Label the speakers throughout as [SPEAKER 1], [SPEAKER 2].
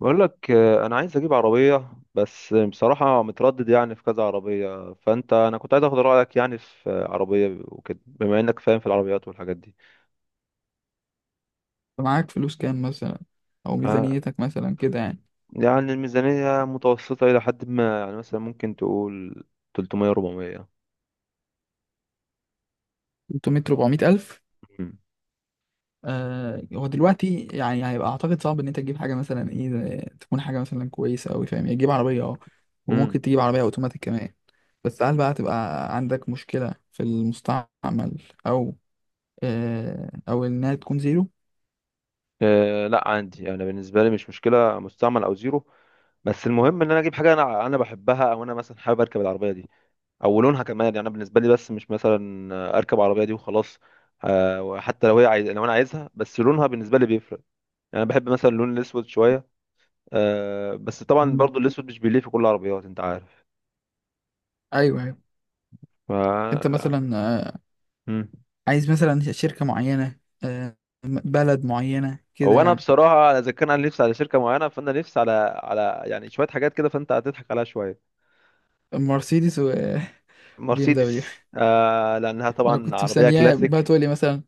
[SPEAKER 1] بقول لك آه، انا عايز اجيب عربيه، بس بصراحه متردد، يعني في كذا عربيه. فانت انا كنت عايز اخد رايك يعني في عربيه وكده، بما انك فاهم في العربيات والحاجات دي.
[SPEAKER 2] معاك فلوس كام مثلا؟ او
[SPEAKER 1] انا
[SPEAKER 2] ميزانيتك مثلا كده يعني.
[SPEAKER 1] يعني الميزانيه متوسطه الى حد ما، يعني مثلا ممكن تقول 300 400.
[SPEAKER 2] 300 400 الف.
[SPEAKER 1] امم
[SPEAKER 2] هو دلوقتي يعني هيبقى اعتقد صعب ان انت تجيب حاجه مثلا ايه تكون حاجه مثلا كويسه قوي، فاهم يعني، تجيب عربيه اه، وممكن
[SPEAKER 1] امم
[SPEAKER 2] تجيب عربيه اوتوماتيك كمان. بس هل بقى تبقى عندك مشكله في المستعمل، او او انها تكون زيرو؟
[SPEAKER 1] لا، عندي انا بالنسبه لي مش مشكله مستعمل او زيرو. بس المهم ان انا اجيب حاجه انا بحبها، او انا مثلا حابب اركب العربيه دي. او لونها كمان، يعني انا بالنسبه لي بس مش مثلا اركب عربيه دي وخلاص. آه، حتى لو هي عايز، لو انا عايزها بس لونها بالنسبه لي بيفرق. يعني انا بحب مثلا اللون الاسود شويه. آه، بس طبعا
[SPEAKER 2] مم.
[SPEAKER 1] برضو الاسود مش بيليق في كل العربيات، انت عارف.
[SPEAKER 2] ايوه ايوه.
[SPEAKER 1] ف
[SPEAKER 2] انت
[SPEAKER 1] لا.
[SPEAKER 2] مثلا
[SPEAKER 1] مم.
[SPEAKER 2] عايز مثلا شركه معينه، بلد معينه كده
[SPEAKER 1] هو انا
[SPEAKER 2] يعني؟
[SPEAKER 1] بصراحه اذا كان انا نفسي على شركه معينه، فانا نفسي على يعني شويه حاجات كده فانت هتضحك عليها شويه.
[SPEAKER 2] مرسيدس و بي ام دبليو.
[SPEAKER 1] مرسيدس آه، لانها
[SPEAKER 2] ما انا
[SPEAKER 1] طبعا
[SPEAKER 2] كنت
[SPEAKER 1] عربيه
[SPEAKER 2] مستنياه بقى
[SPEAKER 1] كلاسيك.
[SPEAKER 2] تقول لي مثلا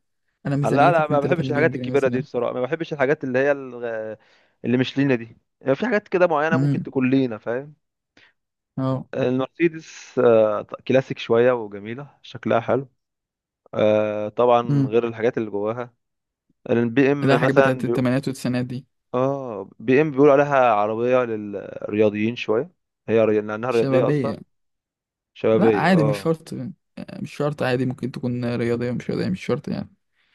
[SPEAKER 2] انا
[SPEAKER 1] لا
[SPEAKER 2] ميزانيتي
[SPEAKER 1] لا، ما
[SPEAKER 2] 2 3
[SPEAKER 1] بحبش
[SPEAKER 2] مليون
[SPEAKER 1] الحاجات
[SPEAKER 2] جنيه
[SPEAKER 1] الكبيرة دي
[SPEAKER 2] مثلا.
[SPEAKER 1] بصراحة. ما بحبش الحاجات اللي هي اللي مش لينا دي. يعني في حاجات كده معينة ممكن
[SPEAKER 2] امم،
[SPEAKER 1] تكون لينا، فاهم.
[SPEAKER 2] اه،
[SPEAKER 1] المرسيدس آه، كلاسيك شوية وجميلة، شكلها حلو. آه، طبعا
[SPEAKER 2] امم.
[SPEAKER 1] غير الحاجات اللي جواها. البي ام
[SPEAKER 2] لا، حاجات
[SPEAKER 1] مثلا
[SPEAKER 2] بتاعت الثمانينات والتسعينات دي.
[SPEAKER 1] اه، بي ام بيقولوا عليها عربية للرياضيين شوية. هي لأنها رياضية أصلا.
[SPEAKER 2] شبابية؟ لا
[SPEAKER 1] شبابية،
[SPEAKER 2] عادي، مش
[SPEAKER 1] اه.
[SPEAKER 2] شرط يعني. مش شرط، عادي، ممكن تكون رياضية مش رياضية، مش شرط يعني.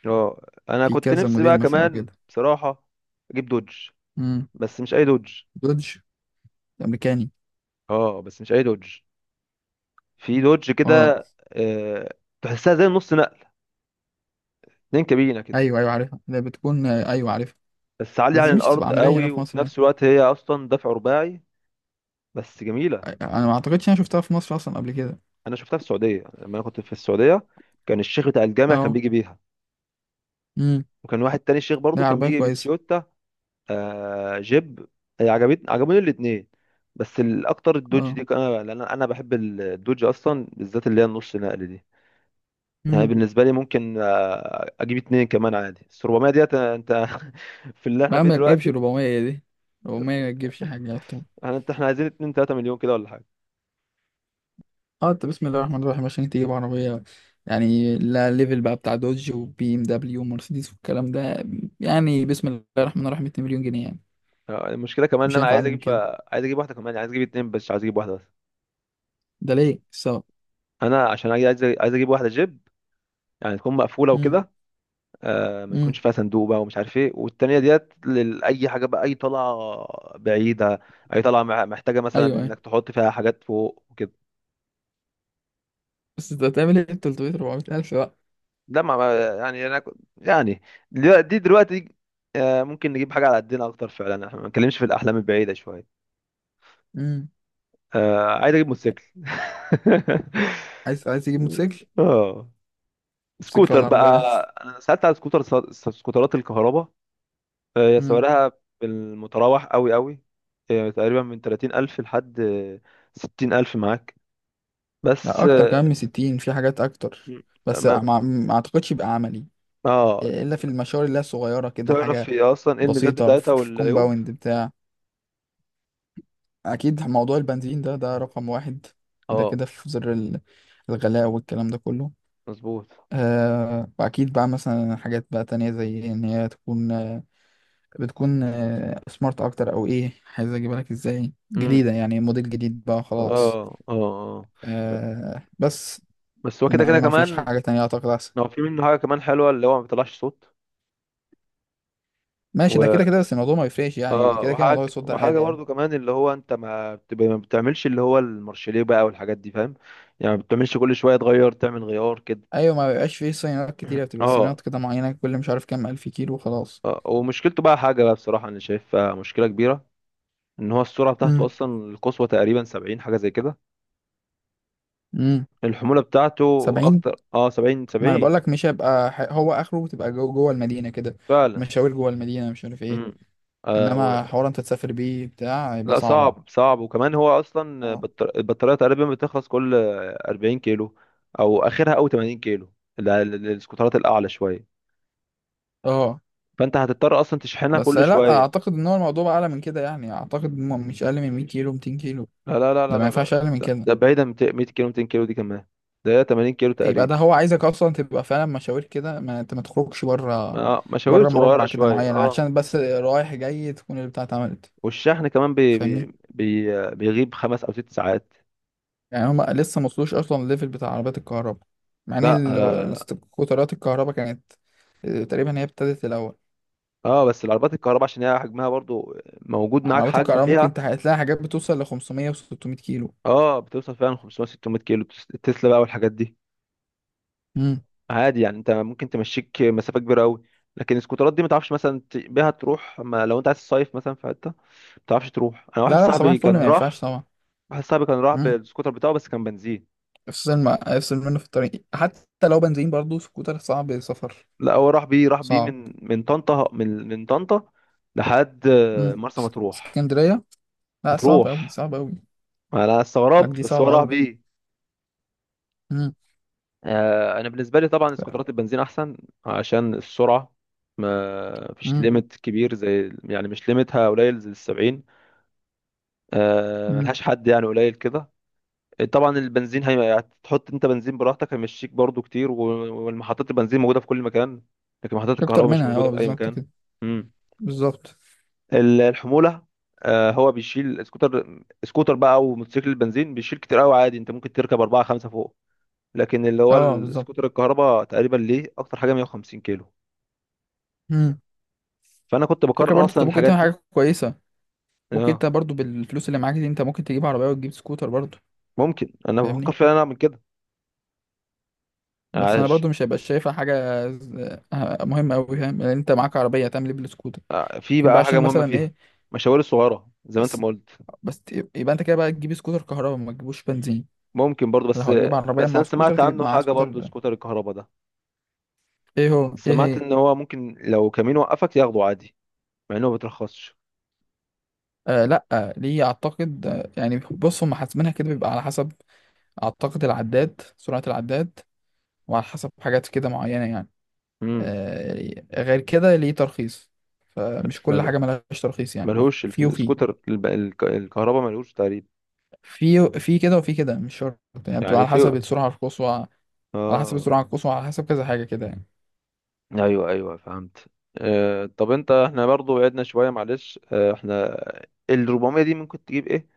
[SPEAKER 1] اه، أنا
[SPEAKER 2] في
[SPEAKER 1] كنت
[SPEAKER 2] كذا
[SPEAKER 1] نفسي بقى
[SPEAKER 2] موديل مثلا او
[SPEAKER 1] كمان
[SPEAKER 2] كده؟
[SPEAKER 1] بصراحة أجيب دوج.
[SPEAKER 2] امم.
[SPEAKER 1] بس مش أي دوج.
[SPEAKER 2] دودج الامريكاني.
[SPEAKER 1] اه بس مش أي دوج. في دوج
[SPEAKER 2] اه،
[SPEAKER 1] كده آه، تحسها زي نص نقل، اتنين كابينة كده.
[SPEAKER 2] ايوه ايوه عارفها، اللي بتكون، ايوه عارفها.
[SPEAKER 1] بس عالية
[SPEAKER 2] بس
[SPEAKER 1] عن
[SPEAKER 2] دي مش تبقى
[SPEAKER 1] الأرض
[SPEAKER 2] عملية هنا
[SPEAKER 1] قوي،
[SPEAKER 2] في
[SPEAKER 1] وفي
[SPEAKER 2] مصر يعني.
[SPEAKER 1] نفس الوقت هي أصلا دفع رباعي. بس جميلة.
[SPEAKER 2] انا ما اعتقدش انا شفتها في مصر اصلا قبل كده.
[SPEAKER 1] أنا شفتها في السعودية لما أنا كنت في السعودية. كان الشيخ بتاع الجامع كان
[SPEAKER 2] اه،
[SPEAKER 1] بيجي بيها.
[SPEAKER 2] امم.
[SPEAKER 1] وكان واحد تاني شيخ برضو
[SPEAKER 2] لا،
[SPEAKER 1] كان
[SPEAKER 2] عربية
[SPEAKER 1] بيجي
[SPEAKER 2] كويسة.
[SPEAKER 1] بتويوتا. آه، جيب. هي عجبتني، عجبوني الاتنين. بس الأكتر الدوج
[SPEAKER 2] اه،
[SPEAKER 1] دي، أنا لأن أنا بحب الدوج أصلا بالذات اللي هي النص نقل دي. يعني
[SPEAKER 2] امم.
[SPEAKER 1] بالنسبة لي ممكن آه، أجيب اتنين كمان عادي، بس 400 ديت أنت في اللي احنا
[SPEAKER 2] ما
[SPEAKER 1] فيه
[SPEAKER 2] ما تجيبش
[SPEAKER 1] دلوقتي.
[SPEAKER 2] 400 دي. 400 ما تجيبش حاجة على طول.
[SPEAKER 1] انا انت احنا عايزين 2 3 مليون كده ولا حاجه.
[SPEAKER 2] اه، انت بسم الله الرحمن الرحيم عشان تجيب عربية. يعني لا، ليفل بقى بتاع دوج وبي ام دبليو ومرسيدس والكلام ده. يعني بسم الله الرحمن الرحيم 2 مليون جنيه يعني.
[SPEAKER 1] آه، المشكله كمان ان
[SPEAKER 2] مش
[SPEAKER 1] انا
[SPEAKER 2] هينفع اقل من كده.
[SPEAKER 1] عايز اجيب واحده كمان، يعني عايز اجيب اتنين، بس مش عايز اجيب واحده بس.
[SPEAKER 2] ده ليه السبب.
[SPEAKER 1] انا عشان عايز اجيب واحده جيب، يعني تكون مقفوله
[SPEAKER 2] امم،
[SPEAKER 1] وكده. آه، ما
[SPEAKER 2] امم،
[SPEAKER 1] يكونش فيها صندوق بقى ومش عارف ايه. والتانيه ديت لاي حاجه بقى، اي طلعه بعيده، اي طلعه محتاجه مثلا
[SPEAKER 2] ايوه ايوه.
[SPEAKER 1] انك تحط فيها حاجات فوق وكده.
[SPEAKER 2] بس انت هتعمل ايه ب 300 400 الف بقى؟
[SPEAKER 1] لا، يعني انا يعني دي دلوقتي آه ممكن نجيب حاجه على قدنا اكتر فعلا، احنا ما بنتكلمش في الاحلام البعيده شويه.
[SPEAKER 2] امم.
[SPEAKER 1] آه، عايز اجيب موتوسيكل
[SPEAKER 2] عايز تجيب موتوسيكل؟
[SPEAKER 1] اه،
[SPEAKER 2] موتوسيكل
[SPEAKER 1] سكوتر
[SPEAKER 2] ولا
[SPEAKER 1] بقى.
[SPEAKER 2] عربية؟
[SPEAKER 1] انا سالت على سكوتر، سكوترات الكهرباء. آه،
[SPEAKER 2] امم.
[SPEAKER 1] سعرها بالمتراوح قوي قوي. آه، تقريبا من 30,000 لحد آه، 60,000 معاك.
[SPEAKER 2] لا،
[SPEAKER 1] بس
[SPEAKER 2] اكتر كمان
[SPEAKER 1] اه
[SPEAKER 2] من 60، في حاجات اكتر. بس
[SPEAKER 1] ما-
[SPEAKER 2] ما اعتقدش يبقى عملي
[SPEAKER 1] آه،
[SPEAKER 2] الا في المشاوير اللي هي صغيره كده، حاجه
[SPEAKER 1] تعرف هي اصلا ايه الميزات
[SPEAKER 2] بسيطة،
[SPEAKER 1] بتاعتها
[SPEAKER 2] في
[SPEAKER 1] والعيوب.
[SPEAKER 2] كومباوند بتاع. أكيد موضوع البنزين ده رقم واحد. كده
[SPEAKER 1] اه،
[SPEAKER 2] كده في زر الغلاء والكلام ده كله.
[SPEAKER 1] مظبوط.
[SPEAKER 2] وأكيد بقى مثلا حاجات بقى تانية زي إن هي تكون بتكون سمارت أكتر، أو إيه عايز أجيبها لك إزاي؟
[SPEAKER 1] امم،
[SPEAKER 2] جديدة يعني، موديل جديد بقى
[SPEAKER 1] اه
[SPEAKER 2] خلاص.
[SPEAKER 1] اه اه آه.
[SPEAKER 2] بس
[SPEAKER 1] بس هو كده
[SPEAKER 2] إنما
[SPEAKER 1] كده
[SPEAKER 2] ما فيش
[SPEAKER 1] كمان.
[SPEAKER 2] حاجة تانية أعتقد أحسن.
[SPEAKER 1] هو في منه حاجه كمان حلوه اللي هو ما بيطلعش صوت.
[SPEAKER 2] ماشي، ده كده كده بس الموضوع ما يفرقش يعني،
[SPEAKER 1] اه،
[SPEAKER 2] كده كده
[SPEAKER 1] وحاجه
[SPEAKER 2] موضوع الصوت ده
[SPEAKER 1] وحاجه
[SPEAKER 2] عادي يعني.
[SPEAKER 1] برضو كمان اللي هو انت ما بتبقى، ما بتعملش اللي هو المارشليه بقى والحاجات دي، فاهم. يعني ما بتعملش كل شويه تغير، تعمل غيار كده.
[SPEAKER 2] أيوة، ما بيبقاش فيه صينيات كتيرة، بتبقى
[SPEAKER 1] اه.
[SPEAKER 2] صينيات كده معينة كل مش عارف كام ألف كيلو وخلاص.
[SPEAKER 1] آه، ومشكلته بقى حاجه بقى بصراحه انا شايفها مشكله كبيره، ان هو السرعه بتاعته اصلا القصوى تقريبا 70 حاجه زي كده.
[SPEAKER 2] امم.
[SPEAKER 1] الحموله بتاعته
[SPEAKER 2] 70.
[SPEAKER 1] اكتر اه، 70
[SPEAKER 2] ما انا بقول
[SPEAKER 1] 70.
[SPEAKER 2] لك مش هيبقى هو اخره تبقى جوه المدينه كده.
[SPEAKER 1] فعلا.
[SPEAKER 2] مشاوير جوه المدينه مش عارف ايه.
[SPEAKER 1] امم.
[SPEAKER 2] انما حوار انت تسافر بيه بتاع هيبقى
[SPEAKER 1] لا،
[SPEAKER 2] صعبه.
[SPEAKER 1] صعب صعب. وكمان هو اصلا
[SPEAKER 2] اه
[SPEAKER 1] البطاريه تقريبا بتخلص كل 40 كيلو او اخرها او 80 كيلو. السكوترات الاعلى شويه.
[SPEAKER 2] اه.
[SPEAKER 1] فانت هتضطر اصلا تشحنها
[SPEAKER 2] بس
[SPEAKER 1] كل
[SPEAKER 2] لا،
[SPEAKER 1] شويه.
[SPEAKER 2] اعتقد ان هو الموضوع بقى اعلى من كده يعني، اعتقد مش اقل من 100 كيلو 200 كيلو.
[SPEAKER 1] لا لا لا
[SPEAKER 2] ده
[SPEAKER 1] لا
[SPEAKER 2] ما
[SPEAKER 1] لا
[SPEAKER 2] ينفعش
[SPEAKER 1] لا.
[SPEAKER 2] اقل من
[SPEAKER 1] ده
[SPEAKER 2] كده.
[SPEAKER 1] ده بعيدا عن 200 كيلو، 200 كيلو دي كمان. ده هي 80 كيلو
[SPEAKER 2] يبقى ده
[SPEAKER 1] تقريبا.
[SPEAKER 2] هو عايزك اصلا تبقى فعلا مشاوير كده، ما انت ما تخرجش بره.
[SPEAKER 1] اه، مشاوير
[SPEAKER 2] بره
[SPEAKER 1] صغيره
[SPEAKER 2] مربع كده
[SPEAKER 1] شويه
[SPEAKER 2] معين
[SPEAKER 1] اه.
[SPEAKER 2] عشان بس رايح جاي تكون البتاع اتعملت.
[SPEAKER 1] والشحن كمان بي بي
[SPEAKER 2] فاهمني.
[SPEAKER 1] بي بيغيب خمس او ست ساعات.
[SPEAKER 2] يعني هما لسه ما وصلوش اصلا الليفل بتاع عربيات الكهرباء، مع ان
[SPEAKER 1] لا لا لا لا.
[SPEAKER 2] سكوترات الكهرباء كانت آه، تقريبا هي ابتدت الاول.
[SPEAKER 1] اه، بس العربيات الكهرباء عشان هي حجمها برضو موجود، معاك
[SPEAKER 2] عربيات
[SPEAKER 1] حجم
[SPEAKER 2] الكهرباء ممكن
[SPEAKER 1] فيها.
[SPEAKER 2] تلاقي حاجات بتوصل ل 500 و600 كيلو.
[SPEAKER 1] اه، بتوصل فعلا 500 600 كيلو، تسلا بقى والحاجات دي،
[SPEAKER 2] امم.
[SPEAKER 1] عادي. يعني انت ممكن تمشيك مسافه كبيره قوي. لكن السكوترات دي ما تعرفش مثلا بيها تروح ما. لو انت عايز تصيف مثلا في حته ما تعرفش تروح. انا واحد
[SPEAKER 2] لا لا، صباح
[SPEAKER 1] صاحبي
[SPEAKER 2] الفل،
[SPEAKER 1] كان
[SPEAKER 2] ما ينفعش
[SPEAKER 1] راح.
[SPEAKER 2] طبعا.
[SPEAKER 1] واحد صاحبي كان راح
[SPEAKER 2] امم.
[SPEAKER 1] بالسكوتر بتاعه بس كان بنزين.
[SPEAKER 2] افصل ما افصل منه في الطريق، حتى لو بنزين برضه سكوتر صعب سفر.
[SPEAKER 1] لا، هو راح بيه، راح بيه
[SPEAKER 2] صعب.
[SPEAKER 1] من طنطا، من طنطا لحد آه،
[SPEAKER 2] امم.
[SPEAKER 1] مرسى مطروح.
[SPEAKER 2] اسكندريه. لا، صعب قوي
[SPEAKER 1] مطروح.
[SPEAKER 2] صعب قوي.
[SPEAKER 1] ما انا
[SPEAKER 2] راك
[SPEAKER 1] استغربت،
[SPEAKER 2] دي
[SPEAKER 1] بس هو
[SPEAKER 2] صعبه
[SPEAKER 1] راح
[SPEAKER 2] قوي.
[SPEAKER 1] بيه.
[SPEAKER 2] امم،
[SPEAKER 1] آه، انا بالنسبه لي طبعا سكوترات البنزين احسن عشان السرعه. ما فيش
[SPEAKER 2] امم،
[SPEAKER 1] ليميت كبير زي، يعني مش ليميتها قليل زي السبعين. آه،
[SPEAKER 2] امم.
[SPEAKER 1] ملهاش حد يعني قليل كده. طبعا البنزين هي هتحط انت بنزين براحتك، هيمشيك برضو كتير، والمحطات البنزين موجوده في كل مكان. لكن محطات
[SPEAKER 2] مش اكتر
[SPEAKER 1] الكهرباء مش
[SPEAKER 2] منها،
[SPEAKER 1] موجوده
[SPEAKER 2] اه
[SPEAKER 1] في اي
[SPEAKER 2] بالظبط
[SPEAKER 1] مكان.
[SPEAKER 2] كده.
[SPEAKER 1] مم.
[SPEAKER 2] بالظبط.
[SPEAKER 1] الحموله. آه، هو بيشيل سكوتر. سكوتر بقى او موتوسيكل البنزين بيشيل كتير قوي، عادي انت ممكن تركب اربعه خمسه فوق. لكن اللي هو
[SPEAKER 2] اه
[SPEAKER 1] السكوتر الكهرباء تقريبا ليه اكتر حاجه 150 كيلو.
[SPEAKER 2] بالظبط.
[SPEAKER 1] فانا كنت
[SPEAKER 2] الفكرة
[SPEAKER 1] بقارن
[SPEAKER 2] برضو
[SPEAKER 1] اصلا
[SPEAKER 2] انت ممكن
[SPEAKER 1] الحاجات
[SPEAKER 2] تعمل
[SPEAKER 1] دي.
[SPEAKER 2] حاجة كويسة. ممكن
[SPEAKER 1] اه.
[SPEAKER 2] انت برضو بالفلوس اللي معاك دي انت ممكن تجيب عربية وتجيب سكوتر برضو.
[SPEAKER 1] ممكن، انا بفكر
[SPEAKER 2] فاهمني.
[SPEAKER 1] فعلا اعمل كده.
[SPEAKER 2] بس انا
[SPEAKER 1] عاش.
[SPEAKER 2] برضو مش هبقى شايفها حاجة مهمة اوي، فاهم؟ لان انت معاك عربية هتعمل ايه بالسكوتر؟
[SPEAKER 1] آه، في
[SPEAKER 2] ممكن بقى
[SPEAKER 1] بقى حاجه
[SPEAKER 2] عشان
[SPEAKER 1] مهمه
[SPEAKER 2] مثلا
[SPEAKER 1] فيها،
[SPEAKER 2] ايه.
[SPEAKER 1] مشاوير الصغيره زي ما انت
[SPEAKER 2] بس
[SPEAKER 1] ما قلت.
[SPEAKER 2] بس يبقى انت كده بقى تجيب سكوتر كهرباء ما تجيبوش بنزين.
[SPEAKER 1] ممكن برضو
[SPEAKER 2] لو
[SPEAKER 1] بس.
[SPEAKER 2] هتجيب عربية
[SPEAKER 1] بس
[SPEAKER 2] مع
[SPEAKER 1] انا
[SPEAKER 2] سكوتر
[SPEAKER 1] سمعت
[SPEAKER 2] تجيب
[SPEAKER 1] عنه
[SPEAKER 2] معاه
[SPEAKER 1] حاجه برضو
[SPEAKER 2] سكوتر.
[SPEAKER 1] سكوتر الكهرباء ده.
[SPEAKER 2] ايه هو، ايه
[SPEAKER 1] سمعت
[SPEAKER 2] هي؟
[SPEAKER 1] ان هو ممكن لو كمين وقفك ياخده عادي، مع انه ما بيترخصش.
[SPEAKER 2] لا، ليه؟ اعتقد يعني بص، هم حاسبينها كده بيبقى على حسب اعتقد العداد، سرعة العداد، وعلى حسب حاجات كده معينة يعني.
[SPEAKER 1] امم.
[SPEAKER 2] غير كده ليه ترخيص. فمش كل حاجة ملهاش ترخيص يعني.
[SPEAKER 1] ملهوش،
[SPEAKER 2] في وفي،
[SPEAKER 1] السكوتر الكهرباء ملهوش تقريبا.
[SPEAKER 2] في كده وفي كده، مش شرط يعني، بتبقى
[SPEAKER 1] يعني
[SPEAKER 2] على
[SPEAKER 1] في.
[SPEAKER 2] حسب السرعة القصوى، على حسب
[SPEAKER 1] اه.
[SPEAKER 2] السرعة القصوى، على حسب كذا حاجة كده يعني.
[SPEAKER 1] ايوه ايوه، فهمت. آه، طب انت احنا برضو بعدنا شويه، معلش. آه احنا ال 400 دي ممكن تجيب ايه.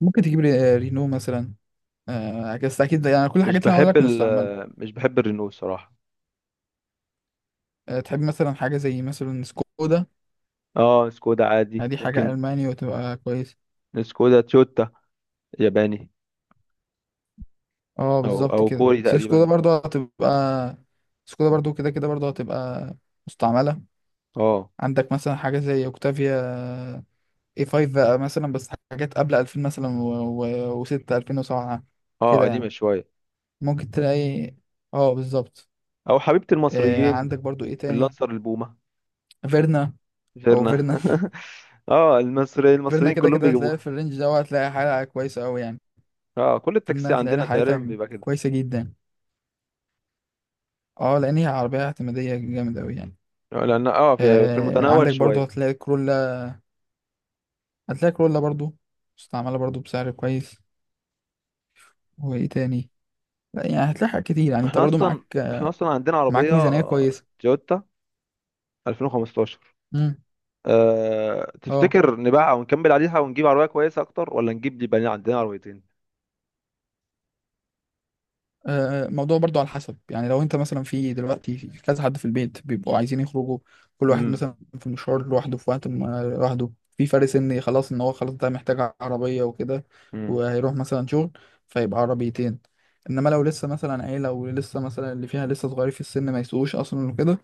[SPEAKER 2] ممكن تجيب رينو مثلا، بس أكيد يعني كل
[SPEAKER 1] مش
[SPEAKER 2] الحاجات اللي أنا هقول
[SPEAKER 1] بحب
[SPEAKER 2] لك مستعملة.
[SPEAKER 1] مش بحب الرينو صراحه.
[SPEAKER 2] تحب مثلا حاجة زي مثلا سكودا.
[SPEAKER 1] اه، سكودا
[SPEAKER 2] يعني
[SPEAKER 1] عادي
[SPEAKER 2] دي حاجة
[SPEAKER 1] ممكن.
[SPEAKER 2] ألماني وتبقى كويس.
[SPEAKER 1] سكودا، تويوتا، ياباني.
[SPEAKER 2] اه
[SPEAKER 1] او
[SPEAKER 2] بالظبط
[SPEAKER 1] او
[SPEAKER 2] كده.
[SPEAKER 1] كوري
[SPEAKER 2] بس سكودا
[SPEAKER 1] تقريبا.
[SPEAKER 2] برضو هتبقى، سكودا برضو كده كده برضو هتبقى مستعملة.
[SPEAKER 1] اه.
[SPEAKER 2] عندك مثلا حاجة زي أوكتافيا، اي 5 بقى مثلا، بس حاجات قبل 2000 مثلا، و6 2007
[SPEAKER 1] اه،
[SPEAKER 2] كده
[SPEAKER 1] قديمه
[SPEAKER 2] يعني.
[SPEAKER 1] شويه.
[SPEAKER 2] ممكن تلاقي. اه بالظبط.
[SPEAKER 1] او حبيبه المصريين،
[SPEAKER 2] عندك برضو ايه تاني.
[SPEAKER 1] اللانسر البومه،
[SPEAKER 2] فيرنا، او
[SPEAKER 1] غيرنا
[SPEAKER 2] فيرنا
[SPEAKER 1] اه، المصري
[SPEAKER 2] فيرنا
[SPEAKER 1] المصريين
[SPEAKER 2] كده
[SPEAKER 1] كلهم
[SPEAKER 2] كده هتلاقي في
[SPEAKER 1] بيجيبوها.
[SPEAKER 2] الرينج ده، هتلاقي حالة كويسة قوي يعني.
[SPEAKER 1] اه، كل
[SPEAKER 2] فيرنا
[SPEAKER 1] التاكسي
[SPEAKER 2] هتلاقي لها
[SPEAKER 1] عندنا تقريبا
[SPEAKER 2] حالتها
[SPEAKER 1] بيبقى كده.
[SPEAKER 2] كويسة جدا. اه، لان هي عربية اعتمادية جامد قوي يعني.
[SPEAKER 1] لان اه في في المتناول
[SPEAKER 2] عندك برضو
[SPEAKER 1] شويه.
[SPEAKER 2] هتلاقي كرولا، هتلاقي كرولا برضو مستعملة برضو بسعر كويس. وايه تاني؟ لا يعني هتلاقي حاجات كتير يعني، انت
[SPEAKER 1] احنا
[SPEAKER 2] برضو
[SPEAKER 1] اصلا، احنا اصلا عندنا
[SPEAKER 2] معاك
[SPEAKER 1] عربيه
[SPEAKER 2] ميزانية كويسة.
[SPEAKER 1] تويوتا 2015.
[SPEAKER 2] امم.
[SPEAKER 1] أه...
[SPEAKER 2] اه.
[SPEAKER 1] تفتكر نبيعها ونكمل عليها ونجيب عربيه كويسه اكتر، ولا نجيب اللي بقى عندنا عربيتين.
[SPEAKER 2] الموضوع برضو على حسب يعني، لو انت مثلا في دلوقتي في كذا حد في البيت بيبقوا عايزين يخرجوا، كل واحد
[SPEAKER 1] امم.
[SPEAKER 2] مثلا في مشوار لوحده في وقت لوحده، في فرق سني خلاص ان هو خلاص ده محتاج عربية وكده،
[SPEAKER 1] امم.
[SPEAKER 2] وهيروح مثلا شغل، فيبقى عربيتين. انما لو لسه مثلا عيلة ولسه مثلا اللي فيها لسه صغير في السن ما يسوقوش اصلا وكده،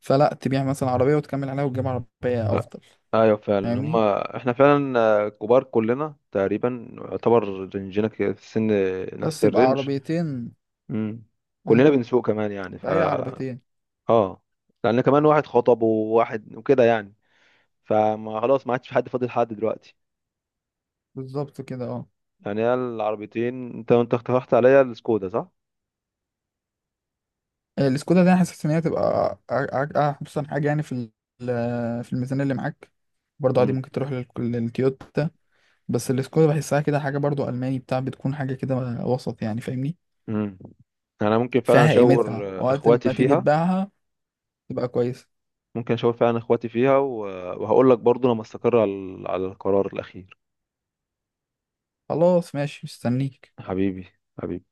[SPEAKER 2] فلا، تبيع مثلا عربية وتكمل عليها وتجيب عربية افضل.
[SPEAKER 1] ايوه فعلا،
[SPEAKER 2] فاهمني.
[SPEAKER 1] هما احنا فعلا آه، كبار كلنا تقريبا يعتبر، رينجنا كده في السن، نفس
[SPEAKER 2] بس يبقى
[SPEAKER 1] الرينج.
[SPEAKER 2] عربيتين.
[SPEAKER 1] امم.
[SPEAKER 2] مم،
[SPEAKER 1] كلنا بنسوق كمان يعني.
[SPEAKER 2] يبقى هي عربيتين.
[SPEAKER 1] اه. لان كمان واحد خطب وواحد وكده يعني. فما خلاص ما عادش في حد فاضل، حد دلوقتي.
[SPEAKER 2] بالظبط كده اه.
[SPEAKER 1] يعني هي العربيتين. انت انت اقترحت عليا السكودا صح؟
[SPEAKER 2] السكودا ده انا حاسس ان هي تبقى احسن حاجه يعني في في الميزانيه اللي معاك. برضه عادي
[SPEAKER 1] امم.
[SPEAKER 2] ممكن تروح للتويوتا. بس السكودا بحسها كده حاجه برضه الماني بتاع، بتكون حاجه كده وسط يعني فاهمني.
[SPEAKER 1] امم. انا ممكن فعلا
[SPEAKER 2] فيها
[SPEAKER 1] اشاور
[SPEAKER 2] قيمتها
[SPEAKER 1] آه،
[SPEAKER 2] وقت
[SPEAKER 1] اخواتي
[SPEAKER 2] ما تيجي
[SPEAKER 1] فيها.
[SPEAKER 2] تبيعها، تبقى كويسه.
[SPEAKER 1] ممكن اشاور فعلا اخواتي فيها وهقول لك برضو لما استقر على القرار الاخير.
[SPEAKER 2] خلاص ماشي، مستنيك.
[SPEAKER 1] حبيبي. حبيبي.